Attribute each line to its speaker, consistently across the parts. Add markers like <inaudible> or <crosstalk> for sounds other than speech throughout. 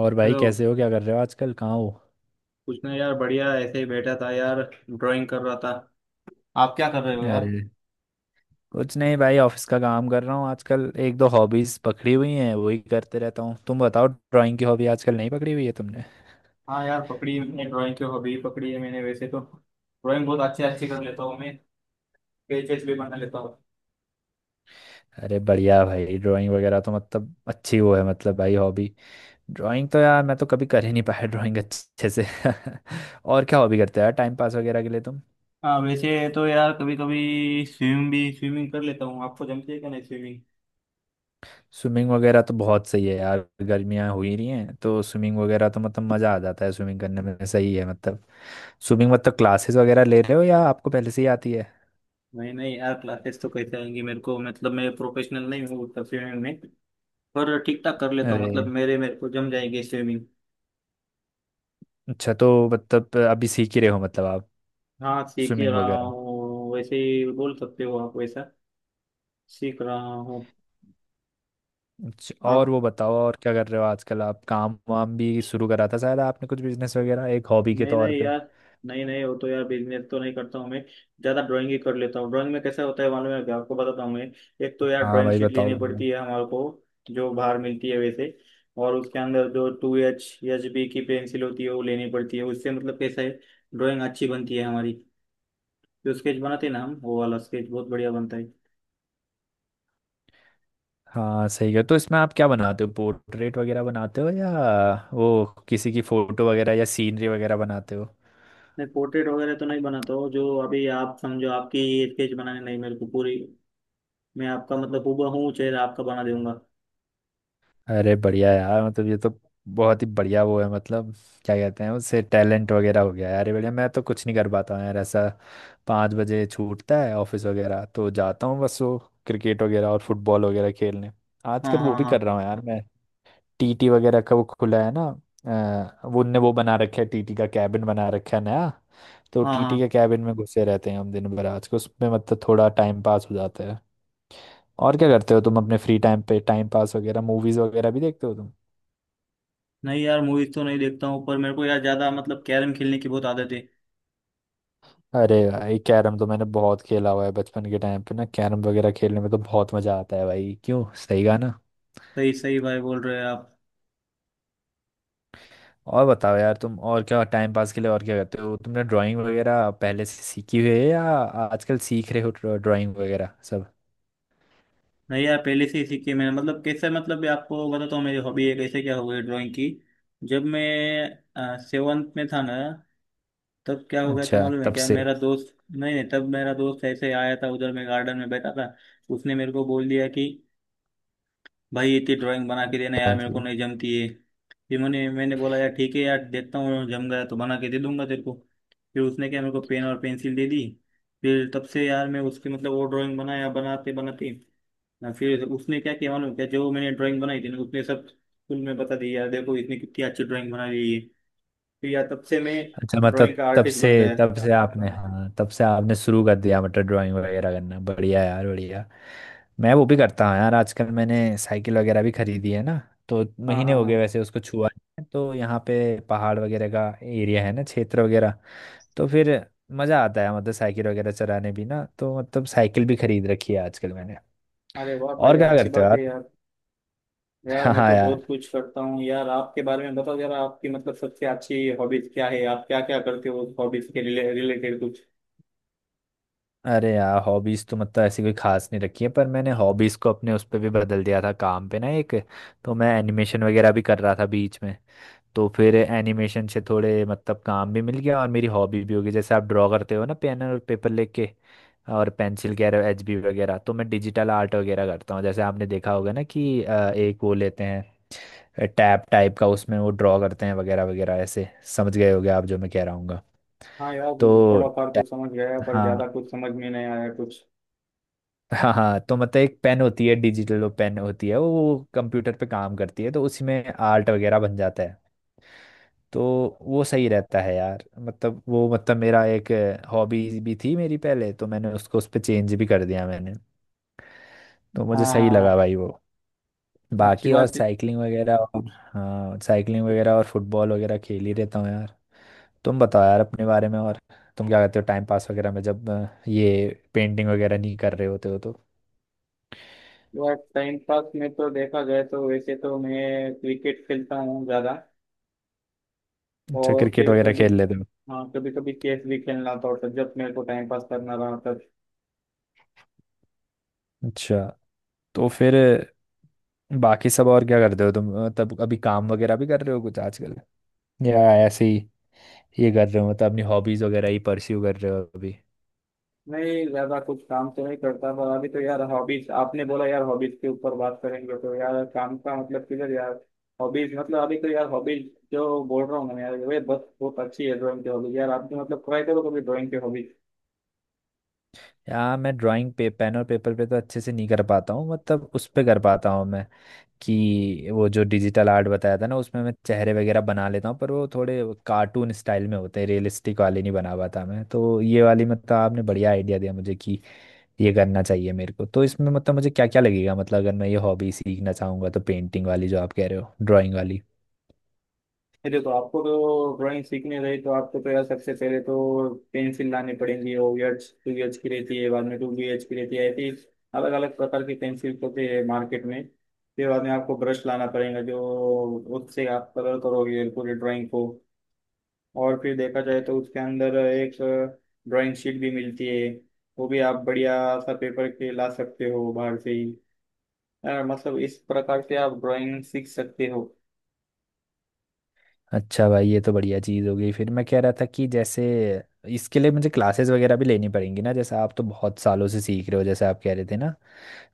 Speaker 1: और भाई,
Speaker 2: हेलो।
Speaker 1: कैसे हो? क्या कर रहे हो आजकल? कहाँ हो?
Speaker 2: कुछ ना यार, बढ़िया, ऐसे ही बैठा था यार। ड्राइंग कर रहा था। आप क्या कर रहे हो यार?
Speaker 1: अरे, कुछ नहीं भाई। ऑफिस का काम कर रहा हूँ आजकल। एक दो हॉबीज पकड़ी हुई हैं, वही करते रहता हूँ। तुम बताओ, ड्राइंग की हॉबी आजकल नहीं पकड़ी हुई है तुमने?
Speaker 2: हाँ यार, पकड़ी है मैंने, ड्राइंग की हॉबी पकड़ी है मैंने। वैसे तो ड्राइंग बहुत अच्छे अच्छे कर लेता हूँ मैं। पेजेस भी बना लेता हूँ।
Speaker 1: अरे बढ़िया भाई, ड्राइंग वगैरह तो मतलब अच्छी वो है मतलब, भाई, हॉबी। ड्राइंग तो यार मैं तो कभी कर ही नहीं पाया ड्राइंग अच्छे से। <laughs> और क्या हॉबी करते हो यार टाइम पास वगैरह के लिए तुम?
Speaker 2: हाँ वैसे तो यार कभी कभी स्विमिंग भी स्विमिंग कर लेता हूँ। आपको जमती है क्या? नहीं, स्विमिंग।
Speaker 1: स्विमिंग वगैरह तो बहुत सही है यार। गर्मियाँ हो ही रही हैं तो स्विमिंग वगैरह तो मतलब मज़ा आ जाता है स्विमिंग करने में। सही है मतलब। स्विमिंग मतलब क्लासेस वगैरह ले रहे हो या आपको पहले से ही आती है?
Speaker 2: नहीं नहीं यार, क्लासेस तो कैसे आएंगी मेरे को। मतलब मैं प्रोफेशनल नहीं हूँ उतना स्विमिंग में। पर ठीक ठाक कर लेता हूँ।
Speaker 1: अरे
Speaker 2: मतलब मेरे मेरे को जम जाएगी स्विमिंग।
Speaker 1: अच्छा, तो मतलब अभी सीख ही रहे हो मतलब आप
Speaker 2: हाँ सीख ही
Speaker 1: स्विमिंग
Speaker 2: रहा
Speaker 1: वगैरह।
Speaker 2: हूँ, वैसे ही बोल सकते हो आप वैसा। सीख रहा हूँ।
Speaker 1: अच्छा और वो बताओ, और क्या कर रहे हो आजकल आप? काम वाम भी शुरू करा था शायद आपने, कुछ बिजनेस वगैरह एक हॉबी के
Speaker 2: नहीं
Speaker 1: तौर
Speaker 2: नहीं
Speaker 1: पे?
Speaker 2: यार। नहीं नहीं, वो तो यार बिजनेस तो नहीं करता हूँ मैं। ज्यादा ड्राइंग ही कर लेता हूँ। ड्राइंग में कैसा होता है मालूम है क्या? आपको बताता हूँ मैं। एक तो यार
Speaker 1: हाँ
Speaker 2: ड्राइंग
Speaker 1: भाई
Speaker 2: शीट
Speaker 1: बताओ
Speaker 2: लेनी
Speaker 1: बंदा।
Speaker 2: पड़ती है हमारे को, जो बाहर मिलती है वैसे। और उसके अंदर जो 2H HB की पेंसिल होती है वो लेनी पड़ती है, उससे मतलब कैसा है, ड्राइंग अच्छी बनती है हमारी। जो स्केच बनाते हैं ना हम, वो वाला स्केच बहुत बढ़िया बनता है।
Speaker 1: हाँ सही है। तो इसमें आप क्या बनाते हो? पोर्ट्रेट वगैरह बनाते हो या वो किसी की फोटो वगैरह या सीनरी वगैरह बनाते हो?
Speaker 2: नहीं पोर्ट्रेट वगैरह तो नहीं बनाता हूँ। जो अभी आप समझो, आपकी स्केच बनाने नहीं मेरे को पूरी, मैं आपका मतलब हूबहू चेहरा आपका बना दूंगा।
Speaker 1: अरे बढ़िया यार, मतलब ये तो बहुत ही बढ़िया वो है मतलब, क्या कहते हैं उससे, टैलेंट वगैरह हो गया यार। ये बढ़िया। मैं तो कुछ नहीं कर पाता हूँ यार ऐसा। 5 बजे छूटता है ऑफिस वगैरह, तो जाता हूँ बस वो क्रिकेट वगैरह और फुटबॉल वगैरह खेलने। आजकल
Speaker 2: हाँ
Speaker 1: वो
Speaker 2: हाँ
Speaker 1: भी
Speaker 2: हाँ।
Speaker 1: कर रहा हूँ यार मैं। टीटी वगैरह का वो खुला है ना। वो उनने वो बना रखा है, टीटी का कैबिन बना रखा है नया। तो
Speaker 2: हाँ
Speaker 1: टीटी के
Speaker 2: हाँ।
Speaker 1: कैबिन में घुसे रहते हैं हम दिन भर आज को, उसमें मतलब थोड़ा टाइम पास हो जाता है। और क्या करते हो तुम अपने फ्री टाइम पे टाइम पास वगैरह? मूवीज वगैरह भी देखते हो तुम?
Speaker 2: नहीं यार मूवीज तो नहीं देखता हूँ, पर मेरे को यार ज्यादा मतलब कैरम खेलने की बहुत आदत है।
Speaker 1: अरे भाई कैरम तो मैंने बहुत खेला हुआ है बचपन के टाइम पे ना। कैरम वगैरह खेलने में तो बहुत मजा आता है भाई, क्यों, सही कहा ना?
Speaker 2: सही सही भाई बोल रहे हैं आप।
Speaker 1: और बताओ यार तुम, और क्या टाइम पास के लिए, और क्या करते हो? तुमने ड्राइंग वगैरह पहले से सीखी हुई है या आजकल सीख रहे हो ड्राइंग वगैरह सब?
Speaker 2: नहीं यार, पहले से ही सीखी है मैंने। मतलब कैसे, मतलब ये आपको बताता हूँ मेरी हॉबी है कैसे क्या हुई ड्राइंग की। जब मैं सेवन्थ में था ना, तब क्या हो गया था
Speaker 1: अच्छा
Speaker 2: मालूम है
Speaker 1: तब
Speaker 2: क्या?
Speaker 1: से।
Speaker 2: मेरा दोस्त, नहीं नहीं, तब मेरा दोस्त ऐसे आया था उधर, मैं गार्डन में बैठा था। उसने मेरे को बोल दिया कि भाई इतनी ड्राइंग बना के देना यार,
Speaker 1: अच्छा
Speaker 2: मेरे को
Speaker 1: जी।
Speaker 2: नहीं जमती है। फिर मैंने मैंने बोला यार ठीक है यार, देखता हूँ जम गया तो बना के दे दूंगा तेरे को। फिर उसने क्या, मेरे को पेन और पेंसिल दे दी। फिर तब से यार मैं उसकी मतलब वो ड्राइंग बनाया, बनाते बनाते ना, फिर उसने क्या किया मालूम क्या, जो मैंने ड्राइंग बनाई थी ना, उसने सब स्कूल में बता दी, यार देखो इसने कितनी अच्छी ड्राइंग बना ली है। फिर यार तब से मैं
Speaker 1: अच्छा
Speaker 2: ड्राइंग
Speaker 1: मतलब।
Speaker 2: का
Speaker 1: तब
Speaker 2: आर्टिस्ट
Speaker 1: से
Speaker 2: बन गया।
Speaker 1: तब से आपने, हाँ, तब से आपने शुरू कर दिया मतलब ड्राइंग वगैरह करना। बढ़िया यार, बढ़िया। मैं वो भी करता हूँ यार, आजकल मैंने साइकिल वगैरह भी खरीदी है ना। तो
Speaker 2: हाँ
Speaker 1: महीने
Speaker 2: हाँ
Speaker 1: हो गए
Speaker 2: हाँ।
Speaker 1: वैसे उसको छुआ नहीं है। तो यहाँ पे पहाड़ वगैरह का एरिया है ना, क्षेत्र वगैरह। तो फिर मज़ा आता है मतलब साइकिल वगैरह चलाने भी ना, तो मतलब साइकिल भी खरीद रखी है आजकल मैंने।
Speaker 2: अरे वाह
Speaker 1: और
Speaker 2: भाई,
Speaker 1: क्या
Speaker 2: अच्छी
Speaker 1: करते हो
Speaker 2: बात
Speaker 1: यार?
Speaker 2: है यार। यार
Speaker 1: <laughs>
Speaker 2: मैं
Speaker 1: हाँ
Speaker 2: तो बहुत
Speaker 1: यार।
Speaker 2: कुछ करता हूँ यार। आपके बारे में बताओ जरा, आपकी मतलब सबसे अच्छी हॉबीज क्या है, आप क्या क्या करते हो उस हॉबीज के रिलेटेड कुछ।
Speaker 1: अरे यार हॉबीज तो मतलब ऐसी कोई खास नहीं रखी है, पर मैंने हॉबीज को अपने उस पर भी बदल दिया था काम पे ना एक। तो मैं एनिमेशन वगैरह भी कर रहा था बीच में। तो फिर एनिमेशन से थोड़े मतलब काम भी मिल गया और मेरी हॉबी भी हो गई। जैसे आप ड्रॉ करते हो ना पेन और पेपर लेके और पेंसिल वगैरह एचबी वगैरह, तो मैं डिजिटल आर्ट वगैरह करता हूँ। जैसे आपने देखा होगा ना कि एक वो लेते हैं टैब टाइप का, उसमें वो ड्रॉ करते हैं वगैरह वगैरह ऐसे। समझ गए होगे आप जो मैं कह रहा हूँ।
Speaker 2: हाँ यार।
Speaker 1: तो
Speaker 2: थोड़ा फार तो समझ गया, पर ज्यादा
Speaker 1: हाँ
Speaker 2: कुछ समझ में नहीं आया कुछ।
Speaker 1: हाँ हाँ। तो मतलब एक पेन होती है डिजिटल, वो पेन होती है वो कंप्यूटर पे काम करती है, तो उसी में आर्ट वगैरह बन जाता है। तो वो सही रहता है यार, मतलब वो मतलब मेरा एक हॉबी भी थी मेरी पहले, तो मैंने उसको उस पर चेंज भी कर दिया मैंने। तो
Speaker 2: हाँ
Speaker 1: मुझे सही लगा
Speaker 2: हाँ
Speaker 1: भाई वो।
Speaker 2: हाँ, अच्छी
Speaker 1: बाकी और
Speaker 2: बात
Speaker 1: साइकिलिंग वगैरह और, हाँ साइकिलिंग वगैरह और फुटबॉल वगैरह खेल ही रहता हूँ यार। तुम बताओ यार अपने बारे में और, तुम क्या करते हो टाइम पास वगैरह में जब ये पेंटिंग वगैरह नहीं कर रहे होते हो तो?
Speaker 2: है। टाइम पास में तो देखा जाए तो वैसे तो मैं क्रिकेट खेलता हूँ ज्यादा।
Speaker 1: अच्छा
Speaker 2: और
Speaker 1: क्रिकेट
Speaker 2: फिर
Speaker 1: वगैरह
Speaker 2: कभी,
Speaker 1: खेल लेते हो?
Speaker 2: हाँ, कभी कभी चेस भी खेलना था, और जब मेरे को टाइम पास करना रहा।
Speaker 1: अच्छा। तो फिर बाकी सब और क्या करते हो तुम? तब अभी काम वगैरह भी कर रहे हो कुछ आजकल, या ऐसे ही ये कर रहे हो मतलब अपनी हॉबीज वगैरह ही परस्यू कर रहे हो अभी?
Speaker 2: नहीं ज्यादा कुछ काम तो नहीं करता, पर अभी तो यार हॉबीज आपने बोला, यार हॉबीज के ऊपर बात करेंगे तो यार काम का मतलब किधर यार। हॉबीज मतलब अभी तो यार हॉबीज जो बोल रहा हूँ मैं यार, वे बस बहुत अच्छी है ड्राइंग की हॉबीज। यार आपने मतलब ट्राई करो कभी ड्राइंग की हॉबीज।
Speaker 1: या मैं ड्राइंग पे पेन और पेपर पे तो अच्छे से नहीं कर पाता हूँ, मतलब उस पे कर पाता हूँ मैं कि वो जो डिजिटल आर्ट बताया था ना उसमें मैं चेहरे वगैरह बना लेता हूँ, पर वो थोड़े कार्टून स्टाइल में होते हैं, रियलिस्टिक वाले नहीं बना पाता मैं। तो ये वाली मतलब आपने बढ़िया आइडिया दिया मुझे कि ये करना चाहिए मेरे को। तो इसमें मतलब मुझे क्या क्या लगेगा मतलब, अगर मैं ये हॉबी सीखना चाहूंगा तो पेंटिंग वाली जो आप कह रहे हो, ड्राइंग वाली।
Speaker 2: ये देखो, आपको तो ड्राइंग सीखनी रही तो आपको तो यार सबसे पहले तो पेंसिल लानी पड़ेंगी। ओ एच टू एच की रहती है, बाद में टू बी एच की रहती है, ऐसी अलग अलग प्रकार की पेंसिल होती है मार्केट में। फिर बाद में आपको ब्रश लाना पड़ेगा, जो उससे आप कलर करोगे पूरी ड्राइंग को। और फिर देखा जाए तो उसके अंदर एक ड्राइंग शीट भी मिलती है। वो भी आप बढ़िया सा पेपर के ला सकते हो बाहर से ही। यार मतलब इस प्रकार से आप ड्राइंग सीख सकते हो।
Speaker 1: अच्छा भाई, ये तो बढ़िया चीज़ हो गई। फिर मैं कह रहा था कि जैसे इसके लिए मुझे क्लासेस वगैरह भी लेनी पड़ेंगी ना, जैसे आप तो बहुत सालों से सीख रहे हो जैसे आप कह रहे थे ना।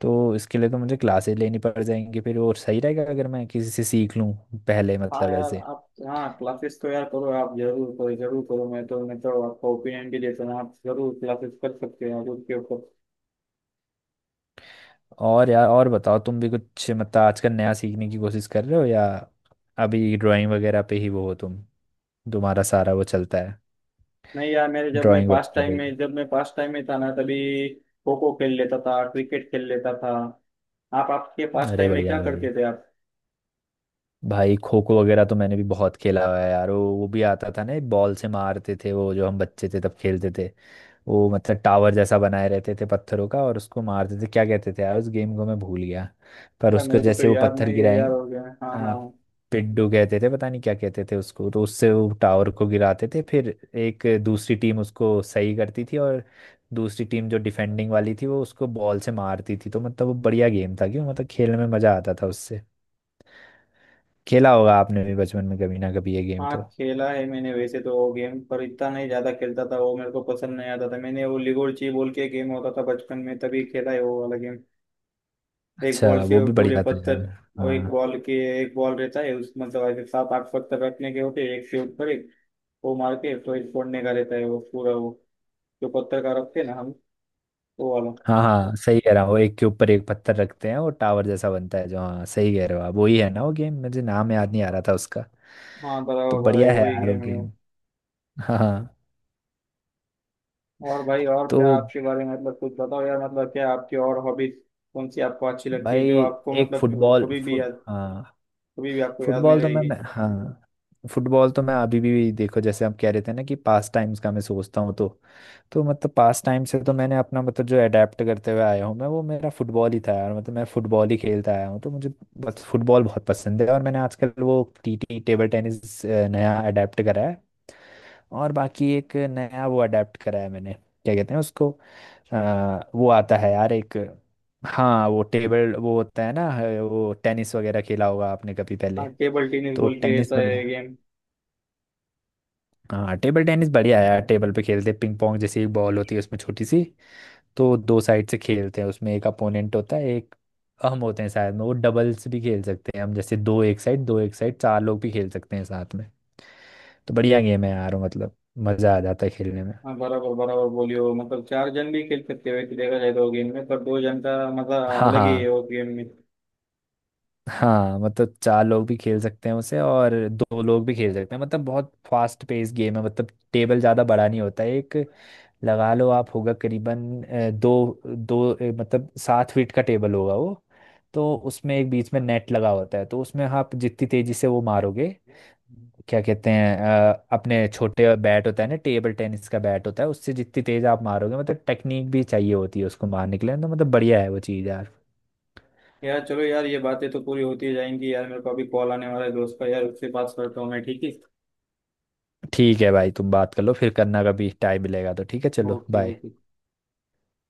Speaker 1: तो इसके लिए तो मुझे क्लासेस लेनी पड़ जाएंगी फिर, और सही रहेगा अगर मैं किसी से सीख लूँ पहले
Speaker 2: हाँ
Speaker 1: मतलब
Speaker 2: यार
Speaker 1: ऐसे।
Speaker 2: आप, हाँ क्लासेस तो यार करो आप, जरूर करो, जरूर करो। मैं तो आपको ओपिनियन भी देता हूँ, आप जरूर क्लासेस कर सकते हो आप उसके ऊपर।
Speaker 1: और यार और बताओ, तुम भी कुछ मतलब आजकल नया सीखने की कोशिश कर रहे हो, या अभी ड्राइंग वगैरह पे ही वो हो तुम, तुम्हारा सारा वो चलता है
Speaker 2: नहीं यार, मेरे जब मैं
Speaker 1: ड्राइंग
Speaker 2: पास
Speaker 1: वगैरह
Speaker 2: टाइम
Speaker 1: भी?
Speaker 2: में जब मैं पास टाइम में था ना, तभी खो खो खेल लेता था, क्रिकेट खेल लेता था। आप आपके पास
Speaker 1: अरे
Speaker 2: टाइम में
Speaker 1: बढ़िया
Speaker 2: क्या
Speaker 1: भाई
Speaker 2: करते थे आप?
Speaker 1: भाई खो खो वगैरह तो मैंने भी बहुत खेला हुआ है यार। वो भी आता था ना, एक बॉल से मारते थे वो, जो हम बच्चे थे तब खेलते थे वो, मतलब टावर जैसा बनाए रहते थे पत्थरों का और उसको मारते थे, क्या कहते थे यार उस गेम को, मैं भूल गया। पर
Speaker 2: यार
Speaker 1: उसको
Speaker 2: मेरे को तो
Speaker 1: जैसे वो
Speaker 2: याद
Speaker 1: पत्थर
Speaker 2: नहीं है यार,
Speaker 1: गिराएंगे।
Speaker 2: हो गया, हाँ हाँ
Speaker 1: आ,
Speaker 2: हाँ।
Speaker 1: पिड्डू कहते थे, पता नहीं क्या कहते थे उसको, तो उससे वो टावर को गिराते थे। फिर एक दूसरी टीम उसको सही करती थी और दूसरी टीम जो डिफेंडिंग वाली थी वो उसको बॉल से मारती थी। तो मतलब वो बढ़िया गेम था, क्यों, मतलब खेलने में मजा आता था उससे। खेला होगा आपने भी बचपन में कभी ना कभी ये गेम
Speaker 2: हाँ,
Speaker 1: तो।
Speaker 2: खेला है मैंने वैसे तो वो गेम, पर इतना नहीं ज्यादा खेलता था वो, मेरे को पसंद नहीं आता था। मैंने वो लिगोर्ची बोल के गेम होता था बचपन में, तभी खेला है वो वाला गेम। एक
Speaker 1: अच्छा
Speaker 2: बॉल से
Speaker 1: वो
Speaker 2: वो
Speaker 1: भी
Speaker 2: पूरे
Speaker 1: बढ़िया था
Speaker 2: पत्थर,
Speaker 1: यार।
Speaker 2: और एक
Speaker 1: हाँ
Speaker 2: बॉल के, एक बॉल रहता है उस, मतलब ऐसे सात आठ पत्थर रखने के होते हैं एक से ऊपर एक। वो मार के तो एक फोड़ने का रहता है वो पूरा वो, जो पत्थर का रखते हैं ना हम, वो वाला।
Speaker 1: हाँ हाँ, सही कह रहा हूँ। वो एक के ऊपर एक पत्थर रखते हैं, वो टावर जैसा बनता है जो, हाँ सही कह रहे हो आप, वही है ना वो गेम। मुझे नाम याद नहीं आ रहा था उसका।
Speaker 2: हाँ
Speaker 1: तो
Speaker 2: बराबर बराबर
Speaker 1: बढ़िया है
Speaker 2: वही
Speaker 1: यार वो
Speaker 2: गेम है वो।
Speaker 1: गेम। हाँ हाँ।
Speaker 2: और भाई और
Speaker 1: तो
Speaker 2: क्या आपके बारे में मतलब कुछ बताओ यार, मतलब क्या आपकी और हॉबीज कौन सी आपको अच्छी लगती है,
Speaker 1: भाई,
Speaker 2: जो आपको
Speaker 1: एक
Speaker 2: मतलब वो
Speaker 1: फुटबॉल
Speaker 2: कभी भी
Speaker 1: फुट
Speaker 2: याद,
Speaker 1: हाँ।
Speaker 2: कभी भी आपको याद में
Speaker 1: फुटबॉल तो मैं
Speaker 2: रहेगी।
Speaker 1: मैं हाँ, फुटबॉल तो मैं अभी भी देखो जैसे आप कह रहे थे ना कि पास टाइम्स का मैं सोचता हूँ तो मतलब पास टाइम से तो मैंने अपना मतलब जो अडेप्ट करते हुए आया हूँ मैं वो मेरा फुटबॉल ही था यार, मतलब मैं फुटबॉल ही खेलता आया हूँ, तो मुझे बस फुटबॉल बहुत पसंद है। और मैंने आजकल वो टीटी, टेबल टेनिस, नया अडेप्ट करा है। और बाकी एक नया वो अडेप्ट करा है मैंने, क्या कहते हैं उसको, वो आता है यार एक, हाँ वो टेबल वो होता है ना, वो टेनिस वगैरह खेला होगा आपने कभी पहले।
Speaker 2: हाँ टेबल टेनिस
Speaker 1: तो
Speaker 2: बोल के
Speaker 1: टेनिस
Speaker 2: रहता है
Speaker 1: वगैरह,
Speaker 2: गेम।
Speaker 1: हाँ टेबल टेनिस बढ़िया है यार। टेबल पे खेलते हैं, पिंग पोंग जैसी एक बॉल होती है उसमें छोटी सी। तो दो साइड से खेलते हैं, उसमें एक अपोनेंट होता है, एक हम होते हैं साथ में। वो डबल्स भी खेल सकते हैं हम जैसे, दो एक साइड, दो एक साइड, चार लोग भी खेल सकते हैं साथ में। तो बढ़िया गेम है यार, मतलब मज़ा आ जाता है खेलने में।
Speaker 2: हाँ बराबर बराबर बोलियो, मतलब चार जन भी खेल सकते हो वैसे देखा जाए तो गेम में, पर दो जन का मजा
Speaker 1: हाँ
Speaker 2: अलग ही है
Speaker 1: हाँ
Speaker 2: उस गेम में।
Speaker 1: हाँ, मतलब चार लोग भी खेल सकते हैं उसे और दो लोग भी खेल सकते हैं। मतलब बहुत फास्ट पेस गेम है मतलब। टेबल ज़्यादा बड़ा नहीं होता है, एक लगा लो आप होगा करीबन दो दो मतलब 7 फीट का टेबल होगा वो। तो उसमें एक बीच में नेट लगा होता है, तो उसमें आप जितनी तेजी से वो मारोगे, क्या कहते हैं, अपने छोटे बैट होता है ना, टेबल टेनिस का बैट होता है, उससे जितनी तेज आप मारोगे मतलब, टेक्निक भी चाहिए होती है उसको मारने के लिए, तो मतलब बढ़िया है वो चीज़ यार।
Speaker 2: यार चलो यार, ये बातें तो पूरी होती जाएंगी यार, मेरे को अभी कॉल आने वाला है दोस्त का यार, उससे बात करता हूँ मैं, ठीक है।
Speaker 1: ठीक है भाई, तुम बात कर लो, फिर करना कभी टाइम मिलेगा तो। ठीक है, चलो
Speaker 2: ओके
Speaker 1: बाय।
Speaker 2: ओके।